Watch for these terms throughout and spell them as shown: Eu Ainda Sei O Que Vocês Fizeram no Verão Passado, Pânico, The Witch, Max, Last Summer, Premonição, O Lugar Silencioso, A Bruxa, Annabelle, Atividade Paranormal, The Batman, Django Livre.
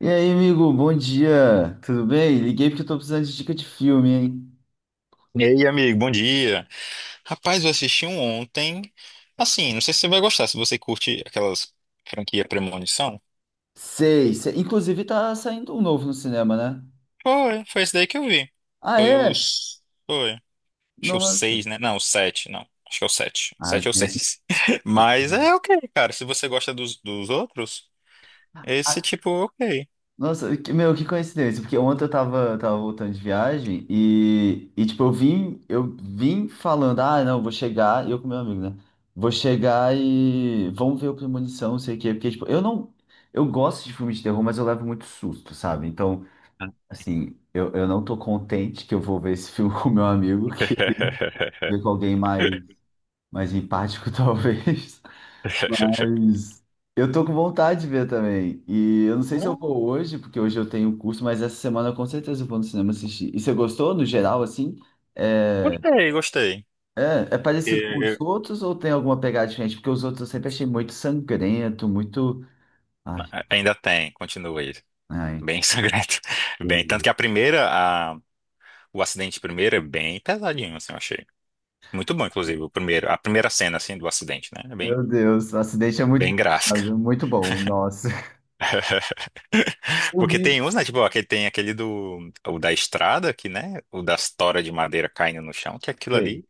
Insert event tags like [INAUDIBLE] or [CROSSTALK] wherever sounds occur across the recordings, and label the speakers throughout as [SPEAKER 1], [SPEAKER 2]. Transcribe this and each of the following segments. [SPEAKER 1] E aí, amigo, bom dia. Tudo bem? Liguei porque eu tô precisando de dica de filme, hein?
[SPEAKER 2] E aí, amigo, bom dia. Rapaz, eu assisti um ontem. Assim, não sei se você vai gostar, se você curte aquelas franquia Premonição.
[SPEAKER 1] Sei, sei. Inclusive tá saindo um novo no cinema, né?
[SPEAKER 2] Foi esse daí que eu vi.
[SPEAKER 1] Ah,
[SPEAKER 2] Foi
[SPEAKER 1] é?
[SPEAKER 2] os. Foi. Acho que o
[SPEAKER 1] Nossa.
[SPEAKER 2] seis, né? Não, o sete, não. Acho que é o sete.
[SPEAKER 1] Ai,
[SPEAKER 2] Sete ou
[SPEAKER 1] tem.
[SPEAKER 2] seis. [LAUGHS] Mas é ok, cara. Se você gosta dos outros, esse
[SPEAKER 1] Ah,
[SPEAKER 2] tipo, ok.
[SPEAKER 1] nossa, meu, que coincidência, porque ontem eu tava voltando de viagem e tipo, eu vim falando, ah, não, vou chegar, eu com meu amigo, né? Vou chegar e vamos ver o Premonição, não sei o quê, porque, tipo, eu não, eu gosto de filme de terror, mas eu levo muito susto, sabe? Então, assim, eu não tô contente que eu vou ver esse filme [LAUGHS] com meu amigo, que
[SPEAKER 2] [LAUGHS]
[SPEAKER 1] ver com alguém mais empático, [LAUGHS] talvez. Mas eu tô com vontade de ver também. E eu não sei se eu
[SPEAKER 2] Hum,
[SPEAKER 1] vou hoje, porque hoje eu tenho curso, mas essa semana eu com certeza vou no cinema assistir. E você gostou, no geral, assim? É,
[SPEAKER 2] Gostei, gostei.
[SPEAKER 1] é parecido com os
[SPEAKER 2] E-
[SPEAKER 1] outros ou tem alguma pegada diferente? Porque os outros eu sempre achei muito sangrento, muito. Ai,
[SPEAKER 2] Ainda tem, continua aí.
[SPEAKER 1] ai.
[SPEAKER 2] Bem sangrento. [LAUGHS] Bem, tanto que a primeira, o acidente primeiro é bem pesadinho, assim, eu achei. Muito bom, inclusive, o primeiro, a primeira cena, assim, do acidente, né? É bem,
[SPEAKER 1] Meu Deus, o acidente é muito
[SPEAKER 2] bem gráfica.
[SPEAKER 1] pesado, muito bom, nossa. [LAUGHS]
[SPEAKER 2] [LAUGHS]
[SPEAKER 1] Eu
[SPEAKER 2] Porque tem
[SPEAKER 1] vi.
[SPEAKER 2] uns, né? Tipo, aquele, tem aquele do, o da estrada, que, né? O das toras de madeira caindo no chão, que aquilo
[SPEAKER 1] Sei.
[SPEAKER 2] ali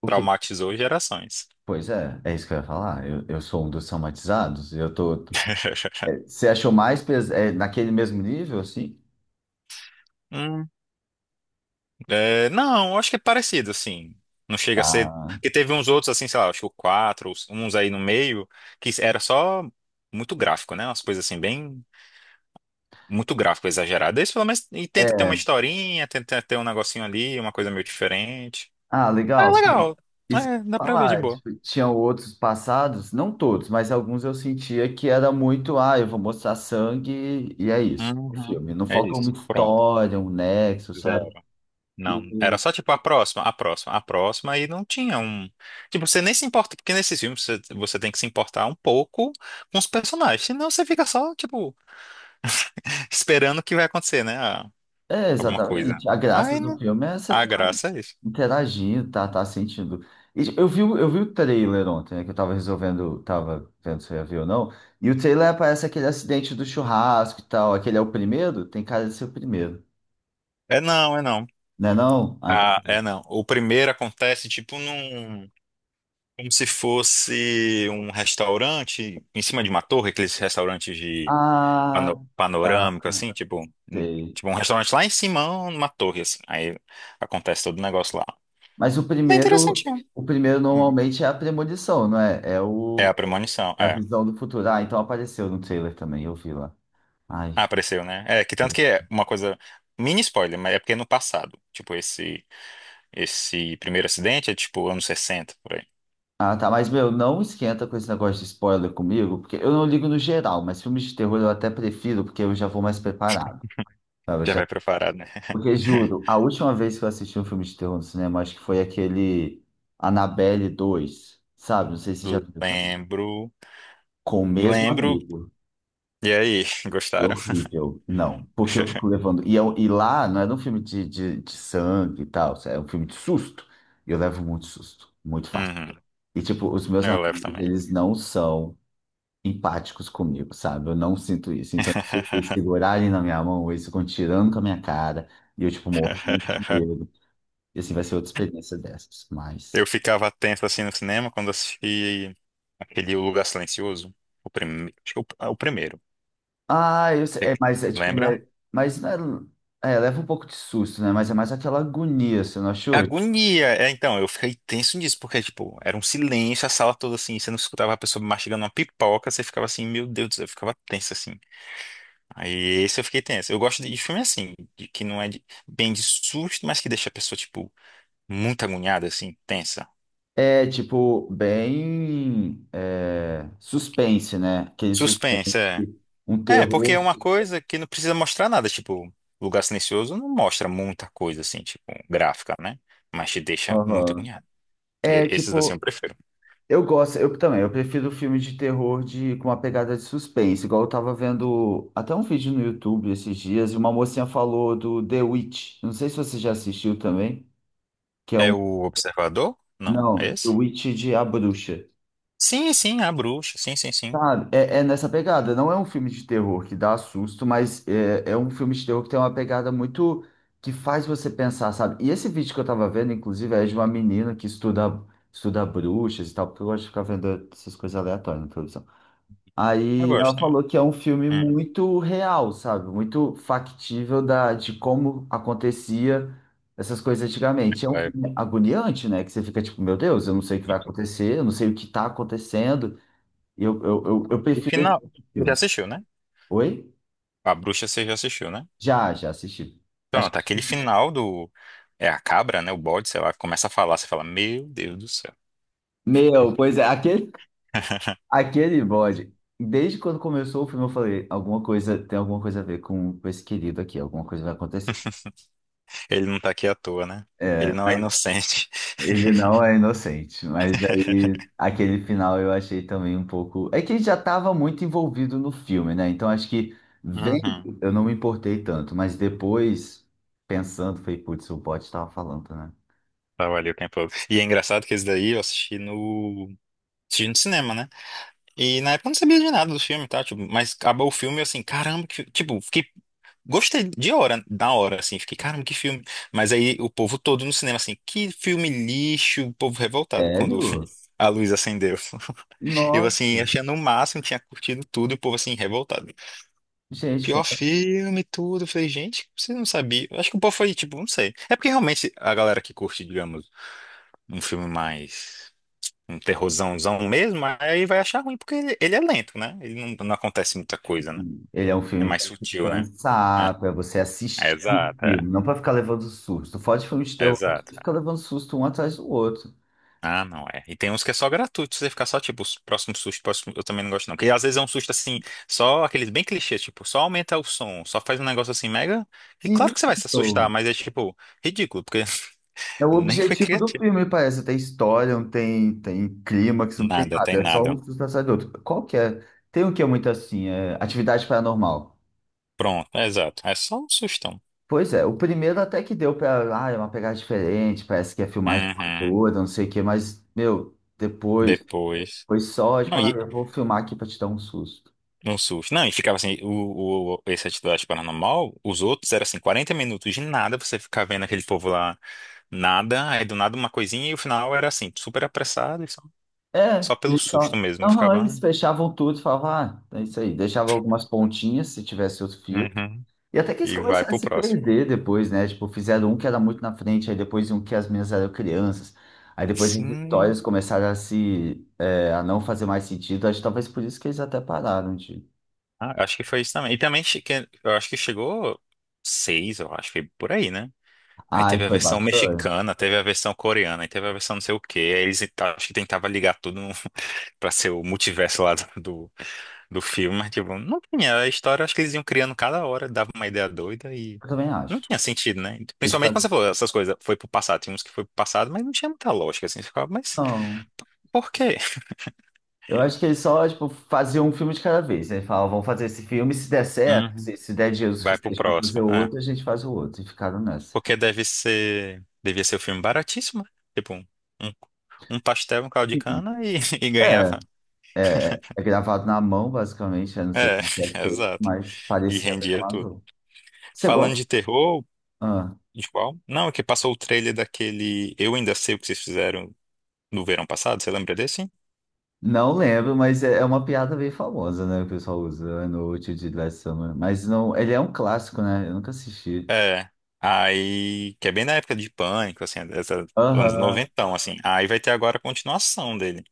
[SPEAKER 1] O que?
[SPEAKER 2] traumatizou gerações.
[SPEAKER 1] Pois é, é isso que eu ia falar. Eu sou um dos traumatizados. Eu tô.
[SPEAKER 2] [LAUGHS]
[SPEAKER 1] Você achou mais naquele mesmo nível, assim?
[SPEAKER 2] Hum, é, não, eu acho que é parecido, assim. Não chega a ser.
[SPEAKER 1] Tá.
[SPEAKER 2] Porque teve uns outros, assim, sei lá, acho que o 4 uns aí no meio, que era só muito gráfico, né? Umas coisas assim, bem muito gráfico exagerado. Esse pelo menos e tenta ter uma
[SPEAKER 1] É.
[SPEAKER 2] historinha, tenta ter um negocinho ali, uma coisa meio diferente.
[SPEAKER 1] Ah,
[SPEAKER 2] É
[SPEAKER 1] legal. Porque
[SPEAKER 2] legal.
[SPEAKER 1] isso que
[SPEAKER 2] É,
[SPEAKER 1] eu ia
[SPEAKER 2] dá pra ver de
[SPEAKER 1] falar.
[SPEAKER 2] boa.
[SPEAKER 1] Tipo, tinham outros passados, não todos, mas alguns eu sentia que era muito, ah, eu vou mostrar sangue e é isso, é o
[SPEAKER 2] Uhum.
[SPEAKER 1] filme. Não
[SPEAKER 2] É
[SPEAKER 1] faltou uma
[SPEAKER 2] isso. Pronto.
[SPEAKER 1] história, um nexo, sabe?
[SPEAKER 2] Zero. Não, era
[SPEAKER 1] E
[SPEAKER 2] só tipo a próxima, a próxima, a próxima, e não tinha um. Tipo, você nem se importa, porque nesses filmes você tem que se importar um pouco com os personagens, senão você fica só, tipo, [LAUGHS] esperando que vai acontecer, né? Ah,
[SPEAKER 1] É,
[SPEAKER 2] alguma coisa.
[SPEAKER 1] exatamente. A graça
[SPEAKER 2] Aí
[SPEAKER 1] do
[SPEAKER 2] não.
[SPEAKER 1] filme é você
[SPEAKER 2] A
[SPEAKER 1] tá
[SPEAKER 2] graça é isso.
[SPEAKER 1] interagindo, tá sentindo. E eu vi o trailer ontem, né, que eu tava resolvendo, tava vendo se eu ia ver ou não. E o trailer aparece aquele acidente do churrasco e tal. Aquele é o primeiro? Tem cara de ser o primeiro.
[SPEAKER 2] É não, é não.
[SPEAKER 1] Não é não? Ah, então.
[SPEAKER 2] Ah, é não. O primeiro acontece, tipo, num. Como se fosse um restaurante em cima de uma torre, aqueles restaurantes de
[SPEAKER 1] Ah, tá,
[SPEAKER 2] panorâmico, assim, tipo,
[SPEAKER 1] sei.
[SPEAKER 2] tipo um restaurante lá em cima, numa torre, assim. Aí acontece todo o negócio lá.
[SPEAKER 1] Mas o
[SPEAKER 2] É
[SPEAKER 1] primeiro,
[SPEAKER 2] interessantinho.
[SPEAKER 1] o primeiro
[SPEAKER 2] Hum.
[SPEAKER 1] normalmente é a premonição, não é? É
[SPEAKER 2] É a
[SPEAKER 1] o,
[SPEAKER 2] premonição,
[SPEAKER 1] é a
[SPEAKER 2] é.
[SPEAKER 1] visão do futuro. Ah, então apareceu no trailer também, eu vi lá.
[SPEAKER 2] Ah,
[SPEAKER 1] Ai.
[SPEAKER 2] apareceu, né? É, que tanto que é uma coisa, mini spoiler, mas é porque é no passado. Tipo, esse primeiro acidente é tipo anos 60 por aí.
[SPEAKER 1] Ah, tá. Mas, meu, não esquenta com esse negócio de spoiler comigo, porque eu não ligo no geral, mas filmes de terror eu até prefiro, porque eu já vou mais preparado, sabe?
[SPEAKER 2] Já vai preparado, né?
[SPEAKER 1] Porque, juro,
[SPEAKER 2] [LAUGHS]
[SPEAKER 1] a última vez que eu assisti um filme de terror no cinema, acho que foi aquele Annabelle 2, sabe? Não sei se já viu também.
[SPEAKER 2] Lembro,
[SPEAKER 1] Com o mesmo
[SPEAKER 2] lembro.
[SPEAKER 1] amigo.
[SPEAKER 2] E aí, [LAUGHS]
[SPEAKER 1] É
[SPEAKER 2] gostaram?
[SPEAKER 1] horrível. Não, porque eu fico
[SPEAKER 2] [LAUGHS]
[SPEAKER 1] levando. E lá não era um filme de sangue e tal, é um filme de susto. E eu levo muito susto, muito fácil.
[SPEAKER 2] Uhum,
[SPEAKER 1] E, tipo, os meus
[SPEAKER 2] eu levo
[SPEAKER 1] amigos,
[SPEAKER 2] também.
[SPEAKER 1] eles não são empáticos comigo, sabe? Eu não sinto isso. Então, eles segurarem na minha mão, eles ficam tirando com a minha cara, e eu, tipo, morro muito de medo. E assim, vai ser outra experiência dessas,
[SPEAKER 2] Eu
[SPEAKER 1] mas...
[SPEAKER 2] ficava tenso assim no cinema quando assisti aquele O Lugar Silencioso, o primeiro, acho que é o primeiro.
[SPEAKER 1] Ah, eu sei,
[SPEAKER 2] É
[SPEAKER 1] é,
[SPEAKER 2] que-
[SPEAKER 1] mas é tipo, não
[SPEAKER 2] Lembra?
[SPEAKER 1] é... Mas não é... É, leva um pouco de susto, né? Mas é mais aquela agonia, você não achou?
[SPEAKER 2] Agonia! É, então, eu fiquei tenso nisso, porque, tipo, era um silêncio, a sala toda assim, você não escutava a pessoa mastigando uma pipoca, você ficava assim, meu Deus do céu, eu ficava tenso assim. Aí esse eu fiquei tenso. Eu gosto de filme assim, de- que não é de- bem de susto, mas que deixa a pessoa, tipo, muito agoniada, assim, tensa.
[SPEAKER 1] É, tipo, bem... é, suspense, né? Aquele suspense,
[SPEAKER 2] Suspense, é.
[SPEAKER 1] um
[SPEAKER 2] É, porque
[SPEAKER 1] terror...
[SPEAKER 2] é uma coisa que não precisa mostrar nada, tipo, Lugar Silencioso não mostra muita coisa assim, tipo, gráfica, né? Mas te deixa muito
[SPEAKER 1] Aham.
[SPEAKER 2] agoniado.
[SPEAKER 1] É,
[SPEAKER 2] Esses assim eu
[SPEAKER 1] tipo...
[SPEAKER 2] prefiro.
[SPEAKER 1] Eu gosto, eu também, eu prefiro filme de terror de, com uma pegada de suspense, igual eu tava vendo até um vídeo no YouTube esses dias, e uma mocinha falou do The Witch. Não sei se você já assistiu também, que é
[SPEAKER 2] É
[SPEAKER 1] um.
[SPEAKER 2] o Observador? Não, é
[SPEAKER 1] Não, The
[SPEAKER 2] esse?
[SPEAKER 1] Witch de A Bruxa.
[SPEAKER 2] Sim, sim, a Bruxa, sim, sim, sim.
[SPEAKER 1] Sabe, é nessa pegada, não é um filme de terror que dá susto, mas é um filme de terror que tem uma pegada muito que faz você pensar, sabe? E esse vídeo que eu tava vendo, inclusive, é de uma menina que estuda, estuda bruxas e tal, porque eu gosto de ficar vendo essas coisas aleatórias na televisão.
[SPEAKER 2] Eu
[SPEAKER 1] Aí ela
[SPEAKER 2] gosto também.
[SPEAKER 1] falou que é um filme
[SPEAKER 2] Hum.
[SPEAKER 1] muito real, sabe? Muito factível de como acontecia essas coisas antigamente. É um
[SPEAKER 2] É
[SPEAKER 1] filme agoniante, né? Que você fica tipo, meu Deus, eu não sei o que vai
[SPEAKER 2] muito-
[SPEAKER 1] acontecer, eu não sei o que tá acontecendo. E eu
[SPEAKER 2] Aquele
[SPEAKER 1] prefiro esse
[SPEAKER 2] final, já
[SPEAKER 1] filme.
[SPEAKER 2] assistiu, né?
[SPEAKER 1] Oi?
[SPEAKER 2] A Bruxa você já assistiu, né?
[SPEAKER 1] Já, já assisti. Acho
[SPEAKER 2] Pronto, aquele
[SPEAKER 1] que- [LAUGHS]
[SPEAKER 2] final do... É a cabra, né? O bode, sei lá, começa a falar, você fala, meu Deus do céu.
[SPEAKER 1] Meu, pois é, aquele,
[SPEAKER 2] [LAUGHS]
[SPEAKER 1] aquele bode. Desde quando começou o filme, eu falei, alguma coisa, tem alguma coisa a ver com esse querido aqui, alguma coisa vai acontecer.
[SPEAKER 2] Ele não tá aqui à toa, né? Ele
[SPEAKER 1] É.
[SPEAKER 2] não é inocente.
[SPEAKER 1] Ele não é inocente, mas aí
[SPEAKER 2] [LAUGHS]
[SPEAKER 1] aquele final eu achei também um pouco. É que ele já estava muito envolvido no filme, né? Então acho que vendo,
[SPEAKER 2] Uhum.
[SPEAKER 1] eu não me importei tanto, mas depois, pensando, falei, putz, o bot estava falando, né?
[SPEAKER 2] Trabalhei o tempo todo. E é engraçado que esse daí eu assisti assisti no cinema, né? E na época eu não sabia de nada do filme, tá? Tipo, mas acabou o filme eu assim, caramba, que, tipo, fiquei. Gostei da hora, assim, fiquei, caramba, que filme. Mas aí o povo todo no cinema, assim, que filme lixo, o povo revoltado quando
[SPEAKER 1] Sério?
[SPEAKER 2] [LAUGHS] a luz acendeu. Eu, assim,
[SPEAKER 1] Nossa,
[SPEAKER 2] achando o máximo, tinha curtido tudo, e o povo, assim, revoltado.
[SPEAKER 1] gente,
[SPEAKER 2] Pior filme, tudo. Eu falei, gente, você não sabia. Eu acho que o povo foi, tipo, não sei. É porque realmente a galera que curte, digamos, um filme mais. Um terrorzãozão mesmo, aí vai achar ruim, porque ele é lento, né? Ele não acontece muita coisa, né?
[SPEAKER 1] ele é um
[SPEAKER 2] É
[SPEAKER 1] filme
[SPEAKER 2] mais sutil,
[SPEAKER 1] para
[SPEAKER 2] né? É,
[SPEAKER 1] pensar, para você
[SPEAKER 2] é
[SPEAKER 1] assistir o
[SPEAKER 2] exato, é,
[SPEAKER 1] filme, não para ficar levando susto. Fora de filme de
[SPEAKER 2] é
[SPEAKER 1] terror, tu
[SPEAKER 2] exato.
[SPEAKER 1] fica levando susto um atrás do outro.
[SPEAKER 2] Ah, não é. E tem uns que é só gratuito, você ficar só, tipo, os próximos sustos, próximo, eu também não gosto, não. Porque às vezes é um susto assim, só aqueles bem clichês, tipo, só aumenta o som, só faz um negócio assim mega. E claro
[SPEAKER 1] Sim.
[SPEAKER 2] que você vai se assustar, mas é tipo, ridículo, porque
[SPEAKER 1] É o
[SPEAKER 2] [LAUGHS] nem foi
[SPEAKER 1] objetivo do
[SPEAKER 2] criativo.
[SPEAKER 1] filme, parece. Não tem história, não tem clímax, não tem
[SPEAKER 2] Nada, tem
[SPEAKER 1] nada. É só um
[SPEAKER 2] nada.
[SPEAKER 1] susto atrás do outro. Qual que é? Tem um que é muito assim, é atividade paranormal.
[SPEAKER 2] Pronto, é exato. É só um sustão.
[SPEAKER 1] Pois é, o primeiro até que deu pra. Ah, é uma pegada diferente, parece que é filmagem
[SPEAKER 2] Uhum.
[SPEAKER 1] amadora, não sei o quê, mas, meu, depois
[SPEAKER 2] Depois.
[SPEAKER 1] foi só, tipo,
[SPEAKER 2] Não,
[SPEAKER 1] ah,
[SPEAKER 2] e
[SPEAKER 1] eu vou filmar aqui pra te dar um susto.
[SPEAKER 2] um susto. Não, e ficava assim, esse atividade paranormal, os outros eram assim, 40 minutos de nada, você ficava vendo aquele povo lá, nada, aí do nada uma coisinha, e o final era assim, super apressado, e só,
[SPEAKER 1] É,
[SPEAKER 2] só pelo
[SPEAKER 1] eles
[SPEAKER 2] susto
[SPEAKER 1] só.
[SPEAKER 2] mesmo. Eu
[SPEAKER 1] Aham,
[SPEAKER 2] ficava, "Ah,
[SPEAKER 1] eles fechavam tudo, falavam, ah, é isso aí. Deixava algumas pontinhas se tivesse outro fio.
[SPEAKER 2] uhum,
[SPEAKER 1] E até que eles
[SPEAKER 2] e vai
[SPEAKER 1] começaram a
[SPEAKER 2] pro
[SPEAKER 1] se
[SPEAKER 2] próximo.
[SPEAKER 1] perder depois, né? Tipo, fizeram um que era muito na frente, aí depois um que as meninas eram crianças. Aí depois as
[SPEAKER 2] Sim,
[SPEAKER 1] histórias começaram a se... a não fazer mais sentido. Acho que talvez por isso que eles até pararam de...
[SPEAKER 2] ah, acho que foi isso também. E também, eu acho que chegou seis, eu acho que por aí, né? Aí
[SPEAKER 1] Ah,
[SPEAKER 2] teve
[SPEAKER 1] e
[SPEAKER 2] a
[SPEAKER 1] foi
[SPEAKER 2] versão
[SPEAKER 1] bastante.
[SPEAKER 2] mexicana, teve a versão coreana, aí teve a versão não sei o quê, aí eles acho que tentavam ligar tudo pra ser o multiverso lá do filme, mas tipo, não tinha. A história, acho que eles iam criando cada hora, dava uma ideia doida e
[SPEAKER 1] Eu também
[SPEAKER 2] não
[SPEAKER 1] acho.
[SPEAKER 2] tinha sentido, né?
[SPEAKER 1] Eles
[SPEAKER 2] Principalmente quando
[SPEAKER 1] falam,
[SPEAKER 2] você falou essas coisas, foi pro passado, tinha uns que foi pro passado, mas não tinha muita lógica, assim, você ficava, mas
[SPEAKER 1] não.
[SPEAKER 2] por quê?
[SPEAKER 1] Eu acho que eles só, tipo, faziam um filme de cada vez, aí falavam, vamos fazer esse filme, se der certo,
[SPEAKER 2] Uhum.
[SPEAKER 1] se der dinheiro
[SPEAKER 2] Vai pro
[SPEAKER 1] suficiente para fazer
[SPEAKER 2] próximo.
[SPEAKER 1] o
[SPEAKER 2] Ah,
[SPEAKER 1] outro, a gente faz o outro. E ficaram nessa.
[SPEAKER 2] porque deve ser, devia ser um filme baratíssimo, né? Tipo, um pastel, um caldo de
[SPEAKER 1] Sim.
[SPEAKER 2] cana e, [LAUGHS] e
[SPEAKER 1] É,
[SPEAKER 2] ganhava.
[SPEAKER 1] é gravado na mão, basicamente. Eu não sei
[SPEAKER 2] É,
[SPEAKER 1] como que é
[SPEAKER 2] [LAUGHS]
[SPEAKER 1] feito,
[SPEAKER 2] exato.
[SPEAKER 1] mas
[SPEAKER 2] E
[SPEAKER 1] parecia bem
[SPEAKER 2] rendia tudo.
[SPEAKER 1] amador. Você
[SPEAKER 2] Falando
[SPEAKER 1] gosta?
[SPEAKER 2] de terror,
[SPEAKER 1] Ah,
[SPEAKER 2] de qual? Não, é que passou o trailer daquele Eu Ainda Sei O Que Vocês Fizeram no verão passado, você lembra desse?
[SPEAKER 1] não lembro, mas é uma piada bem famosa, né? O pessoal usa no útil de Last Summer. Mas não, ele é um clássico, né? Eu nunca assisti.
[SPEAKER 2] É. Aí, que é bem na época de Pânico, assim, dessa, anos
[SPEAKER 1] Aham.
[SPEAKER 2] 90, assim. Aí vai ter agora a continuação dele.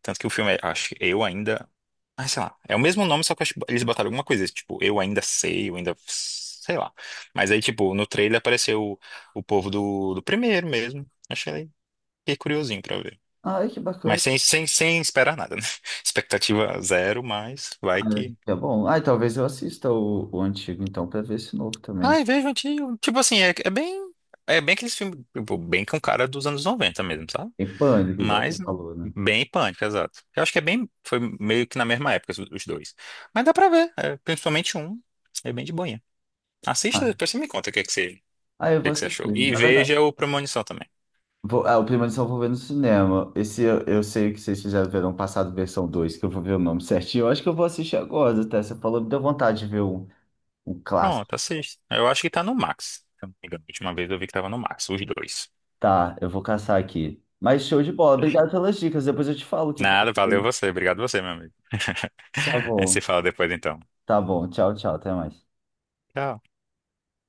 [SPEAKER 2] Tanto que o filme é, acho que Eu Ainda. Ah, sei lá. É o mesmo nome, só que acho que eles botaram alguma coisa, tipo, Eu Ainda Sei, Eu Ainda. Sei lá. Mas aí, tipo, no trailer apareceu o povo do primeiro mesmo. Achei Fiquei curiosinho pra ver.
[SPEAKER 1] Ai, que
[SPEAKER 2] Mas
[SPEAKER 1] bacana.
[SPEAKER 2] sem esperar nada, né? [LAUGHS] Expectativa zero, mas vai
[SPEAKER 1] Ah,
[SPEAKER 2] que.
[SPEAKER 1] é bom. Ah, talvez eu assista o antigo, então, pra ver esse novo também.
[SPEAKER 2] Ai, vejo antigo. Tipo assim, É bem aqueles filmes, tipo, bem com cara dos anos 90 mesmo, sabe?
[SPEAKER 1] Tem pânico, igual você falou, né?
[SPEAKER 2] Bem pânico, exato. Eu acho que é bem. Foi meio que na mesma época os dois. Mas dá pra ver. É, principalmente um. É bem de boinha. Assista,
[SPEAKER 1] Ah,
[SPEAKER 2] depois você me conta o que é que você, o
[SPEAKER 1] ah, eu
[SPEAKER 2] que é
[SPEAKER 1] vou
[SPEAKER 2] que você achou.
[SPEAKER 1] assistir.
[SPEAKER 2] E
[SPEAKER 1] Na verdade.
[SPEAKER 2] veja o Premonição também.
[SPEAKER 1] Vou, o Premonição eu vou ver no cinema. Esse eu sei que vocês fizeram verão passado, versão 2 que eu vou ver o nome certinho. Eu acho que eu vou assistir agora, até. Você falou, me deu vontade de ver um clássico.
[SPEAKER 2] Pronto, assista. Eu acho que tá no Max. Se eu não me engano. A última vez eu vi que tava no Max, os dois.
[SPEAKER 1] Tá, eu vou caçar aqui. Mas show de bola. Obrigado pelas dicas. Depois eu te falo o que que eu
[SPEAKER 2] Nada, valeu
[SPEAKER 1] achei.
[SPEAKER 2] você. Obrigado você, meu amigo. [LAUGHS]
[SPEAKER 1] Tá
[SPEAKER 2] A gente se
[SPEAKER 1] bom.
[SPEAKER 2] fala depois então.
[SPEAKER 1] Tá bom. Tchau, tchau. Até mais.
[SPEAKER 2] Tchau.